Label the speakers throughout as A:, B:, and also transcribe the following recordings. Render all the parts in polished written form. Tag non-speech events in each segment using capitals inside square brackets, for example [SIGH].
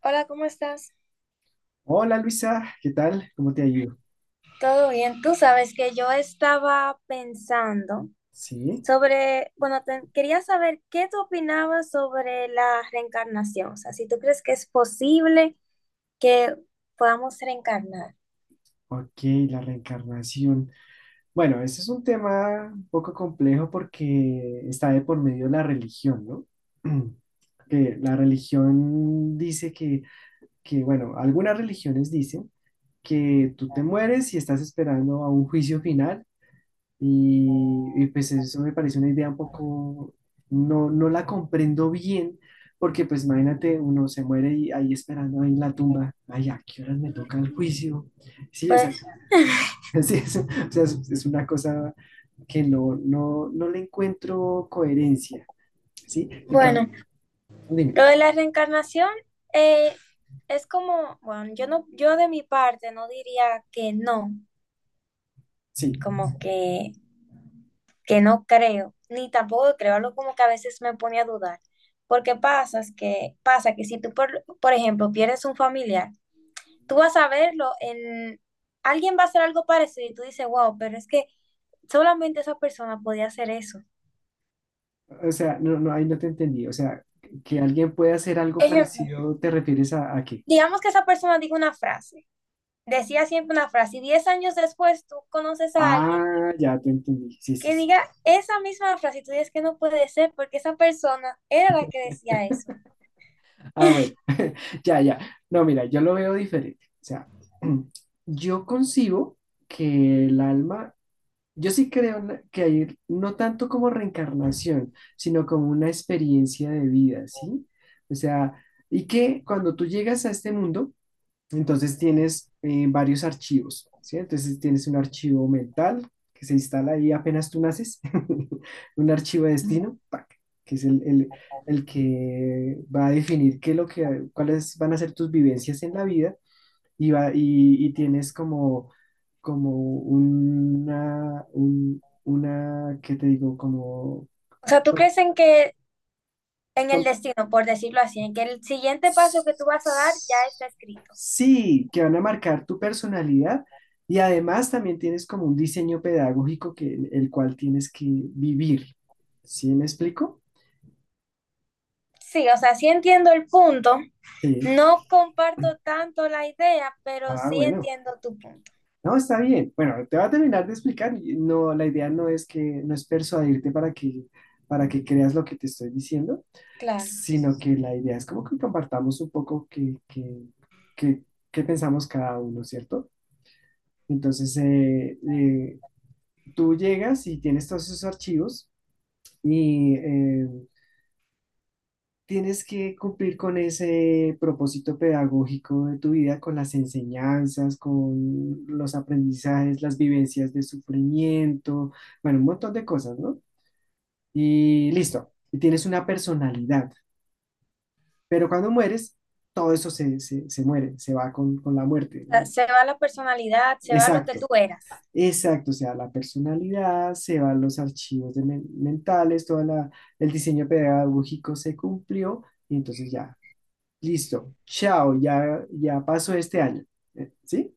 A: Hola, ¿cómo estás?
B: Hola Luisa, ¿qué tal? ¿Cómo te ha ido?
A: Todo bien. Tú sabes que yo estaba pensando
B: Sí,
A: sobre, bueno, quería saber qué tú opinabas sobre la reencarnación. O sea, si tú crees que es posible que podamos reencarnar.
B: ok, la reencarnación. Bueno, ese es un tema un poco complejo porque está de por medio la religión, ¿no? [CLEARS THROAT] Que la religión dice que, bueno, algunas religiones dicen que tú te mueres y estás esperando a un juicio final. Y, pues eso me parece una idea un poco, no la comprendo bien, porque pues imagínate, uno se muere y ahí esperando ahí en la tumba, ay, ¿a qué horas me toca el juicio? Sí, o
A: Pues,
B: sea, [LAUGHS] sí, es, o sea, es una cosa que no le encuentro coherencia, ¿sí?
A: bueno,
B: Dime,
A: lo de la reencarnación eh, es como, bueno, yo de mi parte no diría que no,
B: sí,
A: como que no creo, ni tampoco creo, algo como que a veces me pone a dudar, porque pasa que si tú, por ejemplo, pierdes un familiar, tú vas a verlo en, alguien va a hacer algo parecido y tú dices, wow, pero es que solamente esa persona podía hacer eso.
B: o sea, no, ahí no te entendí, o sea, que alguien pueda hacer algo
A: Ejemplo,
B: parecido, ¿te refieres a qué?
A: digamos que esa persona diga una frase, decía siempre una frase, y 10 años después tú conoces a alguien
B: Ah, ya te entendí, sí,
A: que
B: sí, sí.
A: diga esa misma frase y tú dices que no puede ser porque esa persona era la que decía eso.
B: Ah,
A: [LAUGHS]
B: bueno, [LAUGHS] ya, ya. No, mira, yo lo veo diferente. O sea, [CLEARS THROAT] yo concibo que el alma, yo sí creo en que hay no tanto como reencarnación, sino como una experiencia de vida, ¿sí? O sea, y que cuando tú llegas a este mundo, entonces tienes varios archivos, ¿sí? Entonces tienes un archivo mental que se instala ahí apenas tú naces, [LAUGHS] un archivo de destino, ¡pac! Que es el, el que va a definir qué es lo que, cuáles van a ser tus vivencias en la vida y, va, y tienes como una, ¿qué te digo? Como,
A: O sea, ¿tú crees en que en el
B: como,
A: destino, por decirlo así, en que el siguiente paso que tú vas a dar ya está escrito?
B: Sí, que van a marcar tu personalidad y además también tienes como un diseño pedagógico que el cual tienes que vivir. ¿Sí me explico?
A: Sí, o sea, sí entiendo el punto.
B: Sí.
A: No comparto tanto la idea, pero
B: Ah,
A: sí
B: bueno.
A: entiendo tu punto.
B: No, está bien. Bueno, te voy a terminar de explicar. Y no, la idea no es que no es persuadirte para que creas lo que te estoy diciendo,
A: Claro.
B: sino que la idea es como que compartamos un poco qué qué pensamos cada uno, ¿cierto? Entonces, tú llegas y tienes todos esos archivos y tienes que cumplir con ese propósito pedagógico de tu vida, con las enseñanzas, con los aprendizajes, las vivencias de sufrimiento, bueno, un montón de cosas, ¿no? Y listo, y tienes una personalidad, pero cuando mueres, todo eso se muere, se va con la
A: O
B: muerte,
A: sea,
B: ¿no?
A: se va la personalidad, se va lo que tú
B: Exacto.
A: eras.
B: Exacto, o sea, la personalidad, se van los archivos de mentales, todo el diseño pedagógico se cumplió y entonces ya, listo, chao, ya, pasó este año. ¿Sí?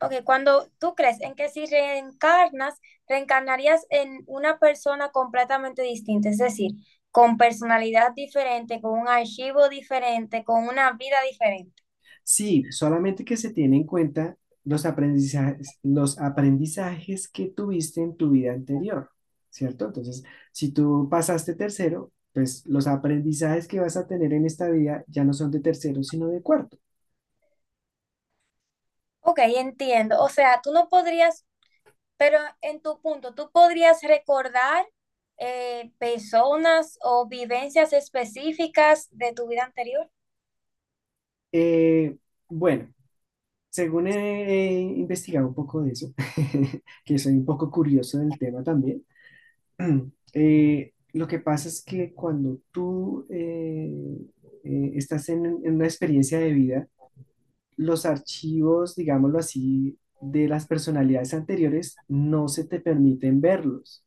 A: Ok, cuando tú crees en que si reencarnas, reencarnarías en una persona completamente distinta, es decir, con personalidad diferente, con un archivo diferente, con una vida diferente.
B: Sí, solamente que se tiene en cuenta los aprendizajes que tuviste en tu vida anterior, ¿cierto? Entonces, si tú pasaste tercero, pues los aprendizajes que vas a tener en esta vida ya no son de tercero, sino de cuarto.
A: Ok, entiendo. O sea, tú no podrías, pero en tu punto, tú podrías recordar personas o vivencias específicas de tu vida anterior.
B: Eh, bueno. Según he investigado un poco de eso, [LAUGHS] que soy un poco curioso del tema también, [CLEARS THROAT] lo que pasa es que cuando tú estás en una experiencia de vida, los archivos, digámoslo así, de las personalidades anteriores no se te permiten verlos,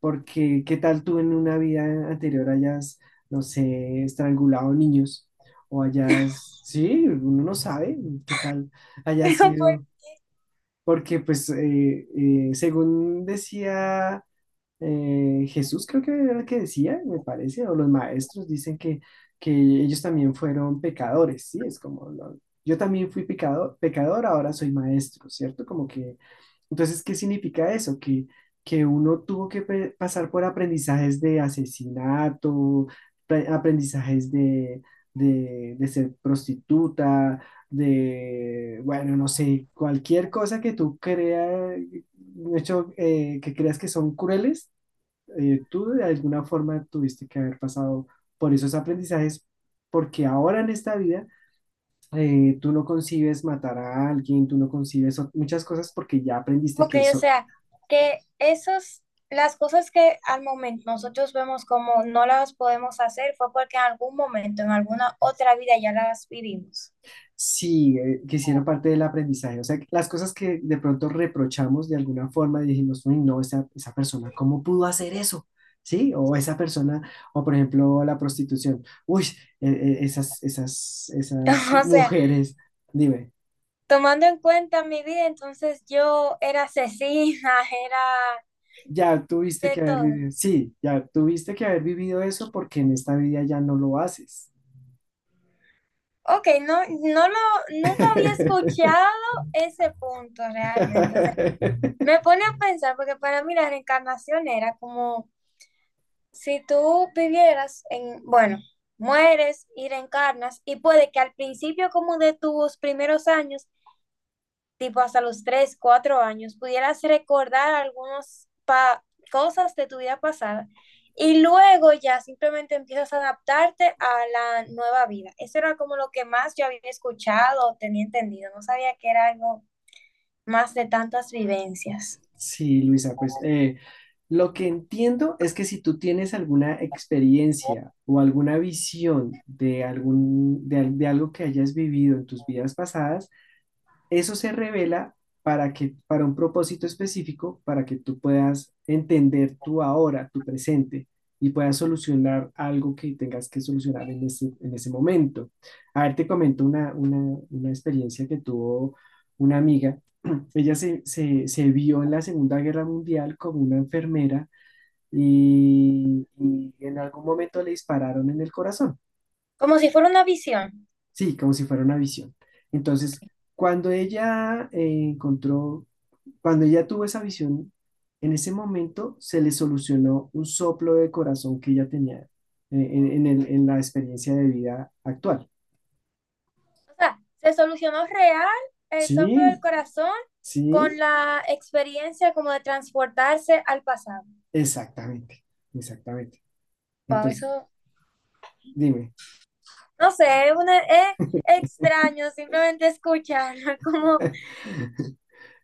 B: porque qué tal tú en una vida anterior hayas, no sé, estrangulado niños o hayas, sí, uno no sabe, qué tal
A: [LAUGHS]
B: haya
A: Pero, pues,
B: sido, porque pues según decía Jesús, creo que era el que decía, me parece, o los maestros dicen que ellos también fueron pecadores, ¿sí? Es como, yo también fui pecador, ahora soy maestro, ¿cierto? Como que entonces, ¿qué significa eso? Que uno tuvo que pasar por aprendizajes de asesinato, aprendizajes de, de ser prostituta, de, bueno, no sé, cualquier cosa que tú creas, de hecho, que creas que son crueles, tú de alguna forma tuviste que haber pasado por esos aprendizajes, porque ahora en esta vida tú no concibes matar a alguien, tú no concibes muchas cosas porque ya aprendiste
A: Ok,
B: que
A: o
B: eso.
A: sea, que esos, las cosas que al momento nosotros vemos como no las podemos hacer fue porque en algún momento, en alguna otra vida ya las vivimos.
B: Sí, que hicieron parte del aprendizaje. O sea, que las cosas que de pronto reprochamos de alguna forma y dijimos, uy, no, esa persona, ¿cómo pudo hacer eso? ¿Sí? O esa persona, o por ejemplo, la prostitución. Uy, esas
A: [LAUGHS] O sea,
B: mujeres, dime,
A: tomando en cuenta mi vida, entonces yo era asesina, [LAUGHS] era
B: ya tuviste
A: de
B: que haber
A: todo.
B: vivido, sí, ya tuviste que haber vivido eso porque en esta vida ya no lo haces.
A: Ok, nunca había
B: [LAUGHS]
A: escuchado ese punto realmente. O sea, me pone a pensar, porque para mí la reencarnación era como si tú vivieras en, bueno, mueres y reencarnas, y puede que al principio como de tus primeros años, tipo hasta los 3 o 4 años, pudieras recordar algunas cosas de tu vida pasada, y luego ya simplemente empiezas a adaptarte a la nueva vida. Eso era como lo que más yo había escuchado o tenía entendido. No sabía que era algo más de tantas vivencias.
B: Sí, Luisa, pues lo que entiendo es que si tú tienes alguna experiencia o alguna visión de, algún, de, al- de algo que hayas vivido en tus vidas pasadas, eso se revela para un propósito específico, para que tú puedas entender tu ahora, tu presente, y puedas solucionar algo que tengas que solucionar en ese momento. A ver, te comento una experiencia que tuvo una amiga. Ella se vio en la Segunda Guerra Mundial como una enfermera y en algún momento le dispararon en el corazón,
A: Como si fuera una visión.
B: sí, como si fuera una visión. Entonces, cuando ella eh, encontró, cuando ella tuvo esa visión, en ese momento se le solucionó un soplo de corazón que ella tenía en, en la experiencia de vida actual.
A: O sea, se solucionó real el soplo del
B: Sí,
A: corazón con
B: sí,
A: la experiencia como de transportarse al pasado.
B: exactamente, exactamente.
A: Wow,
B: Entonces,
A: eso,
B: dime.
A: no sé, es extraño simplemente escucharlo, [LAUGHS] como,
B: [LAUGHS]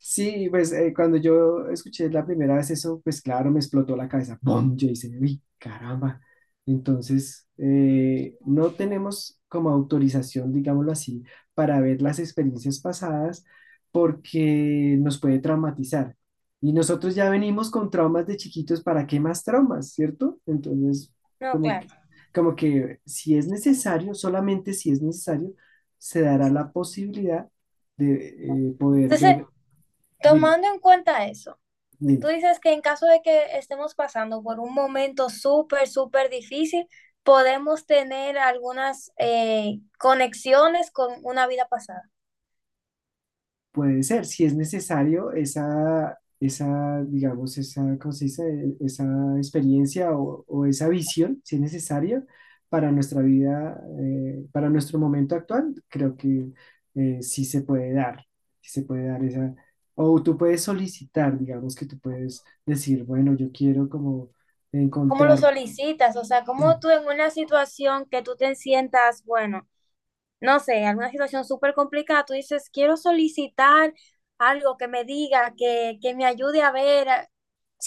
B: Sí, pues cuando yo escuché la primera vez eso, pues claro, me explotó la cabeza. ¡Pum! Yo dije, uy, caramba. Entonces, no tenemos como autorización, digámoslo así, para ver las experiencias pasadas porque nos puede traumatizar. Y nosotros ya venimos con traumas de chiquitos, ¿para qué más traumas, cierto? Entonces,
A: no,
B: como
A: claro.
B: que, como que si es necesario, solamente si es necesario, se dará la posibilidad de poder
A: Entonces,
B: ver. Dime,
A: tomando en cuenta eso, tú
B: dime.
A: dices que en caso de que estemos pasando por un momento súper, súper difícil, podemos tener algunas conexiones con una vida pasada.
B: Puede ser, si es necesario, esa, digamos, esa, ¿cómo se dice? Esa experiencia o esa visión, si es necesario, para nuestra vida, para nuestro momento actual, creo que sí se puede dar, sí se puede dar esa, o tú puedes solicitar, digamos que tú puedes decir, bueno, yo quiero como
A: ¿Cómo lo
B: encontrar,
A: solicitas? O sea, cómo tú en
B: [CLEARS THROAT]
A: una situación que tú te sientas, bueno, no sé, alguna situación súper complicada, tú dices, quiero solicitar algo que me diga, que me ayude a ver,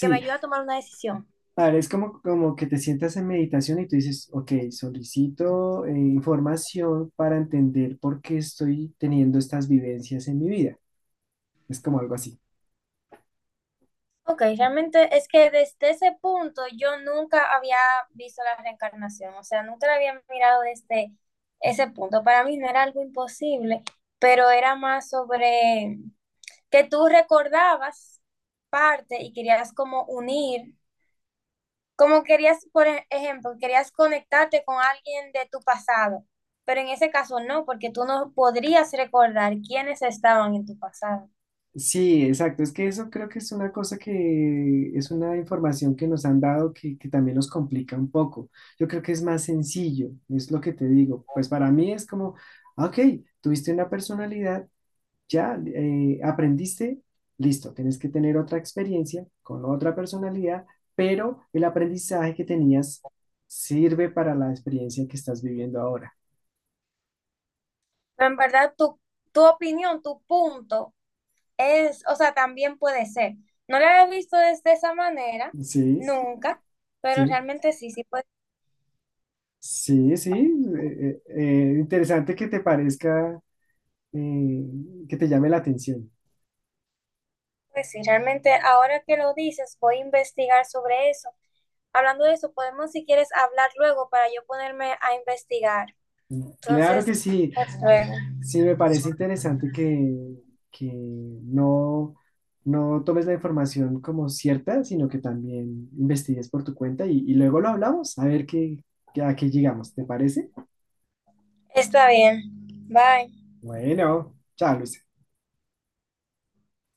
A: que me ayude a tomar una decisión.
B: vale, es como, como que te sientas en meditación y tú dices, ok, solicito información para entender por qué estoy teniendo estas vivencias en mi vida. Es como algo así.
A: Ok, realmente es que desde ese punto yo nunca había visto la reencarnación, o sea, nunca la había mirado desde ese punto. Para mí no era algo imposible, pero era más sobre que tú recordabas parte y querías como unir. Como querías, ejemplo, querías conectarte con alguien de tu pasado, pero en ese caso no, porque tú no podrías recordar quiénes estaban en tu pasado.
B: Sí, exacto. Es que eso creo que es una cosa que es una información que nos han dado que también nos complica un poco. Yo creo que es más sencillo, es lo que te digo. Pues para mí es como, ah, ok, tuviste una personalidad. Ya, aprendiste, listo, tienes que tener otra experiencia con otra personalidad, pero el aprendizaje que tenías sirve para la experiencia que estás viviendo ahora.
A: Pero en verdad, tu opinión, tu punto es, o sea, también puede ser. No lo había visto desde esa manera,
B: Sí,
A: nunca, pero
B: sí,
A: realmente sí, sí puede.
B: sí, sí. Interesante que te parezca, eh, que te llame la atención.
A: Pues sí, realmente ahora que lo dices, voy a investigar sobre eso. Hablando de eso, podemos si quieres hablar luego para yo ponerme a investigar.
B: Claro
A: Entonces,
B: que sí.
A: hasta luego.
B: Sí, me parece interesante que no, no tomes la información como cierta, sino que también investigues por tu cuenta y luego lo hablamos, a ver qué, a qué llegamos, ¿te parece?
A: Está bien. Bye.
B: Bueno, chao, Luis.